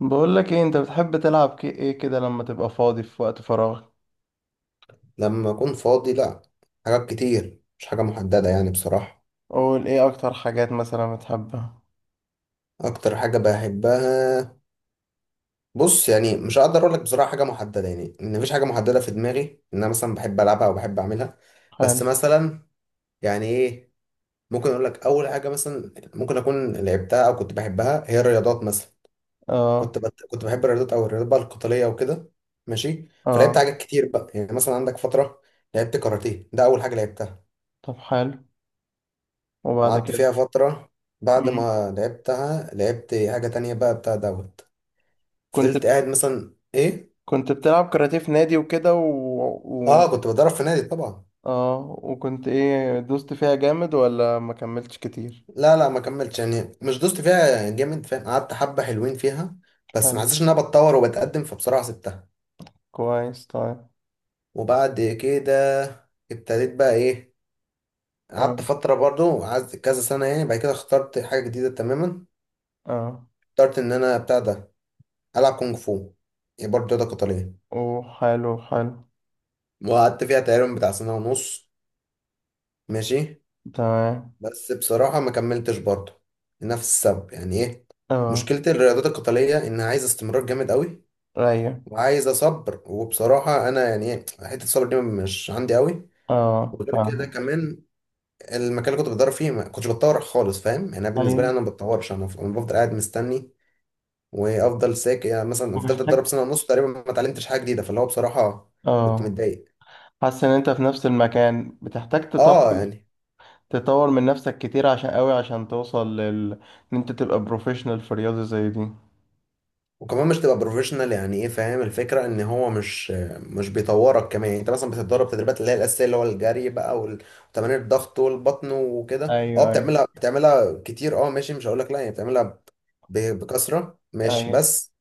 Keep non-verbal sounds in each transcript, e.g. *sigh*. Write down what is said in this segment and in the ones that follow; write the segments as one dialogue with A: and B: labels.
A: بقول لك ايه؟ انت بتحب تلعب ايه كده لما تبقى فاضي في وقت فراغ؟
B: لما أكون فاضي لأ. حاجات كتير مش حاجة محددة يعني بصراحة.
A: قول ايه اكتر حاجات مثلا بتحبها.
B: أكتر حاجة بحبها، بص، يعني مش هقدر أقولك بصراحة حاجة محددة، يعني إن مفيش حاجة محددة في دماغي إن أنا مثلا بحب ألعبها أو بحب أعملها.
A: حلو.
B: بس مثلا، يعني إيه، ممكن أقولك أول حاجة مثلا ممكن أكون لعبتها أو كنت بحبها هي الرياضات مثلا.
A: اه،
B: كنت بحب الرياضات، أو الرياضات بقى القتالية وكده. ماشي، فلعبت
A: اه.
B: حاجات كتير بقى، يعني مثلا عندك فترة لعبت كاراتيه، ده أول حاجة لعبتها،
A: طب حلو، وبعد
B: وقعدت
A: كده؟
B: فيها فترة. بعد
A: مم.
B: ما لعبتها لعبت حاجة تانية بقى بتاع دوت.
A: كنت
B: فضلت قاعد مثلا ايه.
A: كنت بتلعب كاراتيه في نادي وكده، و...
B: اه، كنت بتدرب في نادي طبعا.
A: اه. وكنت ايه؟ دوست فيها جامد ولا ما كملتش كتير؟
B: لا لا، ما كملتش، يعني مش دوست فيها جامد، فاهم، قعدت حبة حلوين فيها، بس ما
A: حلو،
B: حسيتش ان انا بتطور وبتقدم، فبصراحة سبتها.
A: كويس، طيب.
B: وبعد كده ابتديت بقى ايه،
A: اه،
B: قعدت فترة برضو، قعدت كذا سنة، يعني بعد كده اخترت حاجة جديدة تماما.
A: اه.
B: اخترت ان انا بتاع ده، العب كونج فو، يعني برضه رياضة قتالية.
A: وحلو، حلو.
B: وقعدت فيها تقريبا بتاع سنة ونص. ماشي،
A: تمام.
B: بس بصراحة ما كملتش برضه لنفس السبب، يعني ايه،
A: اه.
B: مشكلة الرياضات القتالية انها عايزة استمرار جامد قوي،
A: رايق.
B: وعايزة صبر، وبصراحة انا يعني ايه حتة الصبر دي مش عندي قوي.
A: اه،
B: وغير كده
A: فاهم.
B: كمان، المكان اللي كنت بتدرب فيه ما كنتش بتطور خالص، فاهم، يعني أنا بالنسبة لي
A: ايوه،
B: انا ما بتطورش، أنا بفضل قاعد مستني وافضل ساكت، يعني مثلا فضلت اتدرب
A: محتاج.
B: سنة ونص تقريبا ما اتعلمتش حاجة جديدة، فاللي هو بصراحة كنت
A: اه،
B: متضايق.
A: حاسس ان انت في نفس المكان، بتحتاج تطور.
B: اه يعني،
A: تطور من نفسك كتير، عشان قوي، عشان توصل لل، ان انت تبقى بروفيشنال في رياضة زي دي.
B: وكمان مش تبقى بروفيشنال، يعني ايه، فاهم الفكره ان هو مش بيطورك كمان، يعني انت مثلا بتتدرب تدريبات اللي هي الاساسيه، اللي هو الجري بقى، وتمارين الضغط والبطن وكده، اه
A: ايوه، ايوه.
B: بتعملها بتعملها كتير، اه ماشي، مش هقول لك لا يعني بتعملها، بكثره، ماشي،
A: ايوه،
B: بس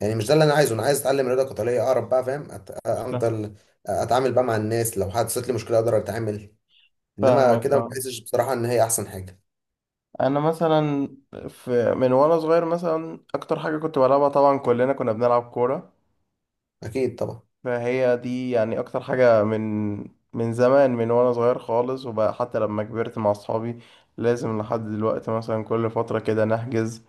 B: يعني مش ده اللي انا عايزه، انا عايز اتعلم رياضه قتاليه اقرب بقى، فاهم،
A: فا-
B: افضل اتعامل بقى مع الناس، لو حدثت لي مشكله اقدر اتعامل. انما
A: فاهمك،
B: كده ما
A: اه.
B: بحسش بصراحه ان هي احسن حاجه.
A: انا مثلا، في من وانا صغير، مثلا اكتر حاجة كنت بلعبها طبعا كلنا كنا بنلعب كورة،
B: اكيد طبعا.
A: فهي دي يعني اكتر حاجة، من زمان، من وانا صغير خالص، وبقى حتى لما كبرت مع اصحابي لازم لحد دلوقتي مثلا كل فترة كده نحجز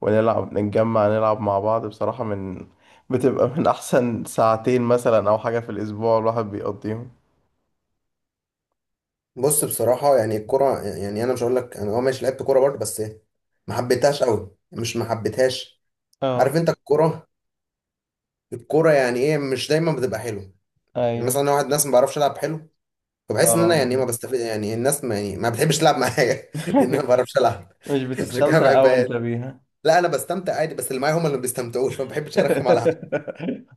A: ونلعب، نتجمع نلعب مع بعض بصراحة، من بتبقى من احسن ساعتين مثلا او حاجة في الاسبوع الواحد بيقضيهم.
B: بص بصراحة يعني الكرة، يعني أنا مش هقول لك، أنا أه ماشي لعبت كورة برضه، بس ما حبيتهاش قوي، مش ما حبيتهاش، عارف
A: اه.
B: أنت الكورة، الكورة يعني إيه مش دايما بتبقى حلوة. يعني
A: ايوه.
B: مثلا أنا واحد ناس ما بعرفش ألعب حلو، فبحس إن
A: اه،
B: أنا يعني إيه ما
A: بالظبط.
B: بستفيد، يعني الناس ما يعني ما بتحبش تلعب معايا *laughs* لأن أنا ما
A: *laughs*
B: بعرفش ألعب *laughs*
A: مش
B: عشان كده ما
A: بتستمتع أوي
B: بحبهاش.
A: انت بيها؟
B: لا أنا بستمتع عادي، بس اللي معايا هم اللي ما بيستمتعوش، فما بحبش أرخم على
A: *laughs*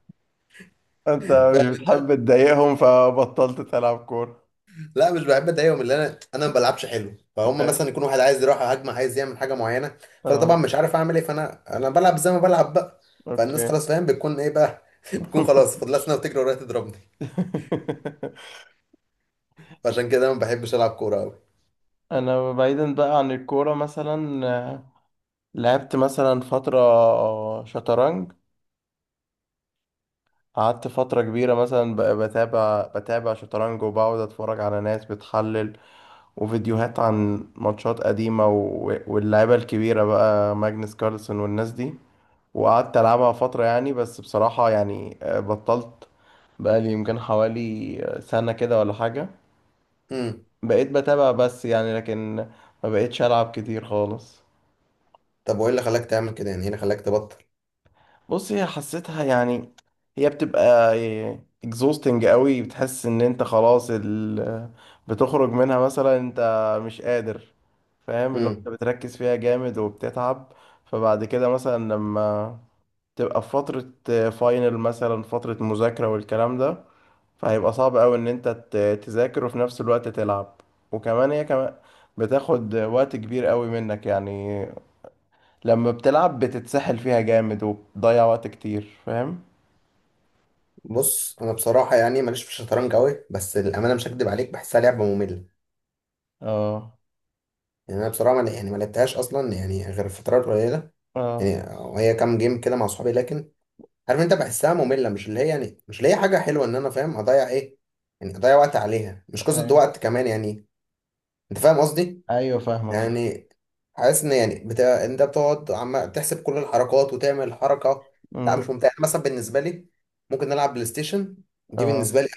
A: انت مش
B: حد.
A: بتحب تضايقهم فبطلت تلعب كورة.
B: لا مش بحب اضايقهم، اللي انا، ما بلعبش حلو، فهم
A: أيوة.
B: مثلا يكون واحد عايز يروح هجمه عايز يعمل حاجه معينه، فانا طبعا
A: اه.
B: مش عارف اعمل ايه، فانا بلعب زي ما بلعب بقى، فالناس
A: اوكي.
B: خلاص فاهم بتكون ايه بقى *laughs* بتكون خلاص
A: *laughs*
B: فاضلها سنه وتجري ورايا تضربني.
A: *laughs*
B: فعشان كده انا ما بحبش العب كوره قوي.
A: انا بعيدا بقى عن الكوره، مثلا لعبت مثلا فتره شطرنج. قعدت فتره كبيره مثلا، بقى بتابع، شطرنج، وبقعد اتفرج على ناس بتحلل وفيديوهات عن ماتشات قديمه، واللعيبه الكبيره بقى، ماجنس كارلسن والناس دي. وقعدت العبها فتره يعني، بس بصراحه يعني بطلت، بقى لي يمكن حوالي سنه كده ولا حاجه.
B: امم.
A: بقيت بتابع بس يعني، لكن ما بقيتش ألعب كتير خالص.
B: طب وايه اللي خلاك تعمل كده، يعني ايه اللي خلاك تبطل؟
A: بص، هي حسيتها يعني، هي بتبقى exhausting قوي. بتحس ان انت خلاص بتخرج منها مثلا، انت مش قادر، فاهم؟ اللي هو انت
B: امم.
A: بتركز فيها جامد وبتتعب. فبعد كده مثلا لما تبقى في فترة فاينل، مثلا فترة مذاكرة والكلام ده، فهيبقى صعب قوي ان انت تذاكر وفي نفس الوقت تلعب. وكمان هي كمان بتاخد وقت كبير قوي منك يعني، لما بتلعب بتتسحل فيها جامد وبتضيع وقت كتير، فاهم؟
B: بص انا بصراحه يعني ماليش في الشطرنج قوي، بس الامانه مش هكدب عليك بحسها لعبه ممله.
A: اه.
B: يعني انا بصراحه، يعني ما لعبتهاش اصلا يعني، غير فترات قليله يعني،
A: اه.
B: هي كام جيم كده مع اصحابي، لكن عارف انت بحسها ممله، مش اللي هي يعني، مش اللي هي حاجه حلوه ان انا، فاهم، اضيع ايه، يعني اضيع وقت عليها، مش قصه
A: اي.
B: ده، وقت كمان يعني، انت فاهم قصدي.
A: ايوه، فاهمك، فاهم.
B: يعني حاسس ان يعني بتاع انت بتقعد عم تحسب كل الحركات وتعمل حركه. لا مش
A: أمم،
B: ممتع، يعني مثلا بالنسبه لي ممكن نلعب بلاي ستيشن، دي
A: اه.
B: بالنسبه لي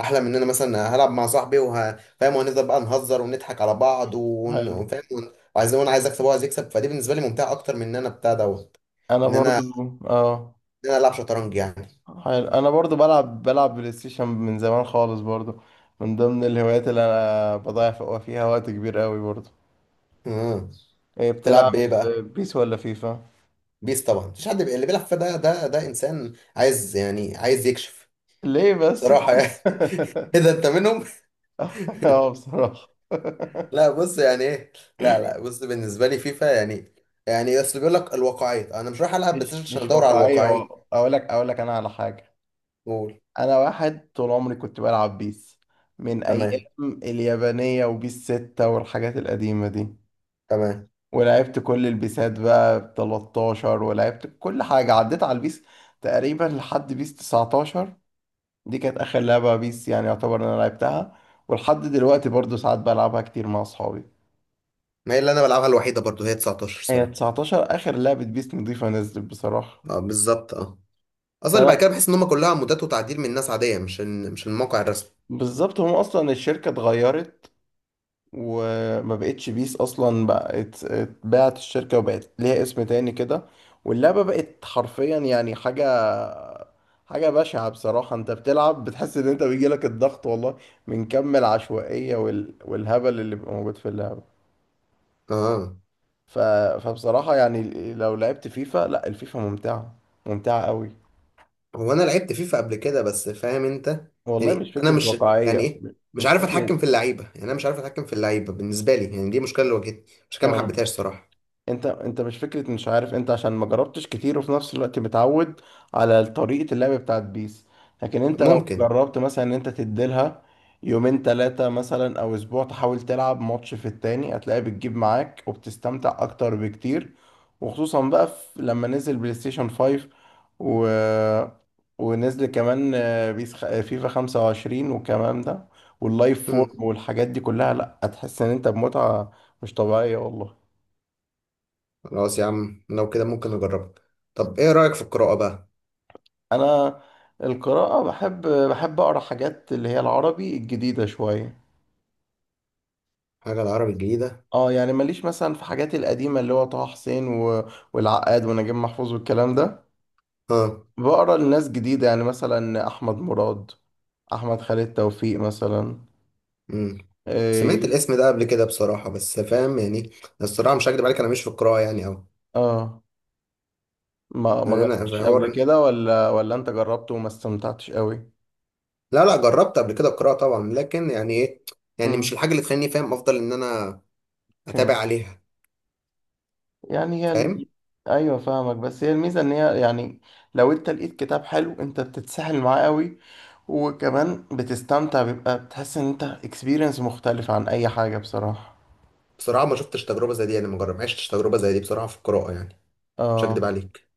B: احلى من ان انا مثلا هلعب مع صاحبي، فاهم، وهنفضل بقى نهزر ونضحك على بعض،
A: حلو
B: وفاهم، وعايز، وانا عايز اكسب وعايز يكسب، فدي بالنسبه لي ممتعه اكتر من ان انا بتاع دوت
A: انا
B: ان انا
A: برضو اه
B: ان انا العب شطرنج.
A: حلو، انا برضو بلعب بلاي ستيشن من زمان خالص برضو، من ضمن الهوايات اللي انا بضيع فيها وقت كبير قوي برضو.
B: يعني
A: ايه
B: تلعب بايه
A: بتلعب؟
B: بقى؟
A: بيس ولا فيفا؟
B: بيس طبعا، مفيش حد اللي بيلعب فيها ده ده انسان عايز يعني عايز يكشف
A: ليه بس
B: صراحه
A: كده؟
B: يعني. *laughs*
A: *laughs*
B: اذا انت منهم.
A: اه، بصراحة.
B: *laughs* لا
A: *laughs*
B: بص يعني ايه، لا لا بص بالنسبه لي فيفا يعني، يعني اصل بيقول لك الواقعيه، انا مش رايح العب بلاي ستيشن عشان
A: مش
B: ادور على
A: واقعية.
B: الواقعيه.
A: اقول لك انا على حاجة.
B: قول.
A: انا واحد طول عمري كنت بلعب بيس، من
B: تمام.
A: ايام اليابانية وبيس ستة والحاجات القديمة دي،
B: تمام.
A: ولعبت كل البيسات بقى، ب 13، ولعبت كل حاجة، عديت على البيس تقريبا لحد بيس 19. دي كانت اخر لعبة بيس يعني، يعتبر إن انا لعبتها، ولحد دلوقتي برضو ساعات بلعبها كتير مع اصحابي.
B: ما هي اللي انا بلعبها الوحيده برضو هي 19
A: هي
B: صراحه.
A: 19 اخر لعبة بيس نضيفة نزلت بصراحة.
B: اه بالظبط اه. اصلا اللي
A: فانا
B: بعد كده بحس ان هم كلها مودات وتعديل من ناس عاديه، مش الموقع الرسمي.
A: بالظبط، هم اصلا الشركة اتغيرت، وما بقتش بيس اصلا، بقت اتباعت الشركه وبقت ليها اسم تاني كده، واللعبه بقت حرفيا يعني حاجه بشعه بصراحه. انت بتلعب بتحس ان انت بيجيلك الضغط، والله، من كم العشوائيه والهبل اللي بيبقى موجود في اللعبه.
B: اه.
A: ف... فبصراحه يعني لو لعبت فيفا، لا، الفيفا ممتعه، ممتعه قوي،
B: هو انا لعبت فيفا قبل كده، بس فاهم انت،
A: والله. مش
B: يعني انا
A: فكره
B: مش، يعني
A: واقعيه؟
B: ايه، مش
A: مش
B: عارف
A: فكره.
B: اتحكم في اللعيبه، يعني انا مش عارف اتحكم في اللعيبه بالنسبه لي، يعني دي مشكله اللي واجهتني، مش كده ما
A: اه،
B: حبيتهاش صراحه.
A: انت مش فكره، مش عارف انت، عشان ما جربتش كتير وفي نفس الوقت متعود على طريقه اللعب بتاعت بيس. لكن انت لو
B: ممكن.
A: جربت مثلا ان انت تديلها يومين ثلاثه مثلا او اسبوع، تحاول تلعب ماتش في التاني، هتلاقي بتجيب معاك وبتستمتع اكتر بكتير. وخصوصا بقى في، لما نزل بلاي ستيشن 5 و... ونزل كمان بيس فيفا 25 والكلام ده، واللايف
B: مم.
A: فورم والحاجات دي كلها، لا هتحس ان انت بمتعه مش طبيعيه، والله.
B: خلاص يا عم، لو كده ممكن اجربها. طب ايه رايك في القراءه بقى؟
A: انا القراءة بحب، اقرا حاجات اللي هي العربي الجديدة شوية.
B: حاجه العربي الجديده.
A: اه، يعني ماليش مثلا في حاجات القديمة، اللي هو طه حسين والعقاد ونجيب محفوظ والكلام ده،
B: اه.
A: بقرا لناس جديدة يعني، مثلا احمد مراد، احمد خالد توفيق مثلا.
B: مم. سمعت
A: إيه...
B: الاسم ده قبل كده بصراحه، بس فاهم يعني، الصراحه مش هكدب عليك انا مش في القراءه يعني اوي.
A: اه. ما
B: يعني انا في
A: جربتش قبل
B: حوار،
A: كده، ولا انت جربته وما استمتعتش قوي؟
B: لا لا جربت قبل كده القراءه طبعا، لكن يعني ايه، يعني مش الحاجه اللي تخليني فاهم افضل ان انا اتابع
A: امم.
B: عليها،
A: يعني هي
B: فاهم.
A: ايوه فاهمك. بس هي الميزه ان هي يعني، لو انت لقيت كتاب حلو انت بتتسحل معاه قوي، وكمان بتستمتع، بيبقى بتحس ان انت اكسبيرينس مختلف عن اي حاجه بصراحه.
B: بصراحه ما شفتش تجربه زي دي، انا ما عشتش تجربه زي دي بصراحه في القراءه يعني، مش هكدب
A: اه،
B: عليك.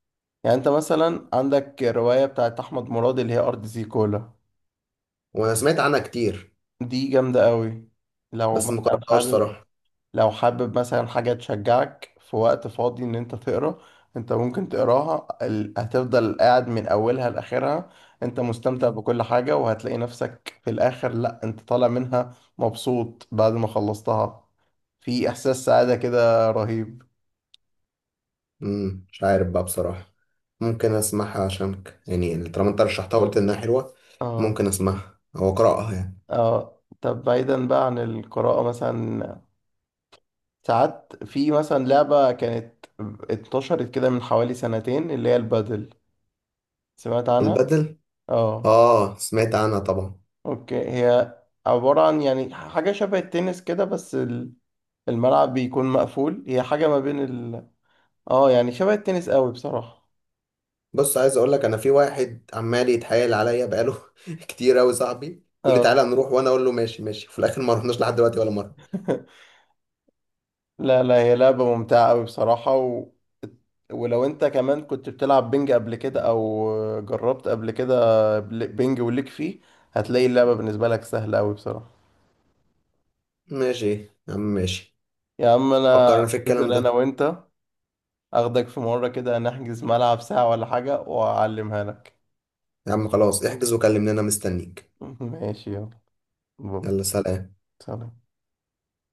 A: يعني انت مثلا عندك روايه بتاعت احمد مراد اللي هي ارض زيكولا،
B: وانا سمعت عنها كتير،
A: دي جامده قوي. لو
B: بس ما
A: مثلا
B: قراتهاش
A: حابب
B: صراحه.
A: لو حابب مثلا حاجة تشجعك في وقت فاضي ان انت تقرا، انت ممكن تقراها، هتفضل قاعد من اولها لاخرها انت مستمتع بكل حاجة، وهتلاقي نفسك في الاخر، لا انت طالع منها مبسوط بعد ما خلصتها، في احساس سعادة كده رهيب.
B: امم، مش عارف بقى بصراحه، ممكن اسمعها عشانك يعني، طالما انت رشحتها وقلت انها حلوه،
A: اه،
B: ممكن اسمعها او اقراها يعني.
A: اه. طب بعيدا بقى عن القراءة، مثلا ساعات في مثلا لعبة كانت انتشرت كده من حوالي سنتين، اللي هي البادل. سمعت عنها؟
B: البدل؟
A: اه،
B: اه سمعت عنها طبعا.
A: اوكي. هي عبارة عن يعني حاجة شبه التنس كده، بس الملعب بيكون مقفول، هي حاجة ما بين ال اه يعني شبه التنس قوي بصراحة.
B: بص عايز اقول لك، انا في واحد عمال يتحايل عليا بقاله *laughs* كتير قوي، صاحبي، يقول لي
A: اه.
B: تعالى نروح، وانا اقول له ماشي ماشي، في الاخر ما رحناش لحد دلوقتي ولا مره.
A: *laughs* لا، لا، هي لعبة ممتعة قوي بصراحة، ولو انت كمان كنت بتلعب بينج قبل كده او جربت قبل كده، بينج وليك فيه، هتلاقي اللعبة بالنسبة لك سهلة قوي بصراحة.
B: ماشي إيه يا عم، ماشي،
A: يا عم انا
B: فكرنا في الكلام
A: هنزل
B: ده.
A: انا وانت، اخدك في مرة كده نحجز ملعب ساعة ولا حاجة واعلمها لك.
B: يا عم خلاص احجز وكلمني، انا مستنيك.
A: *laughs* ماشي، يلا، باي.
B: يلا سلام.
A: سلام.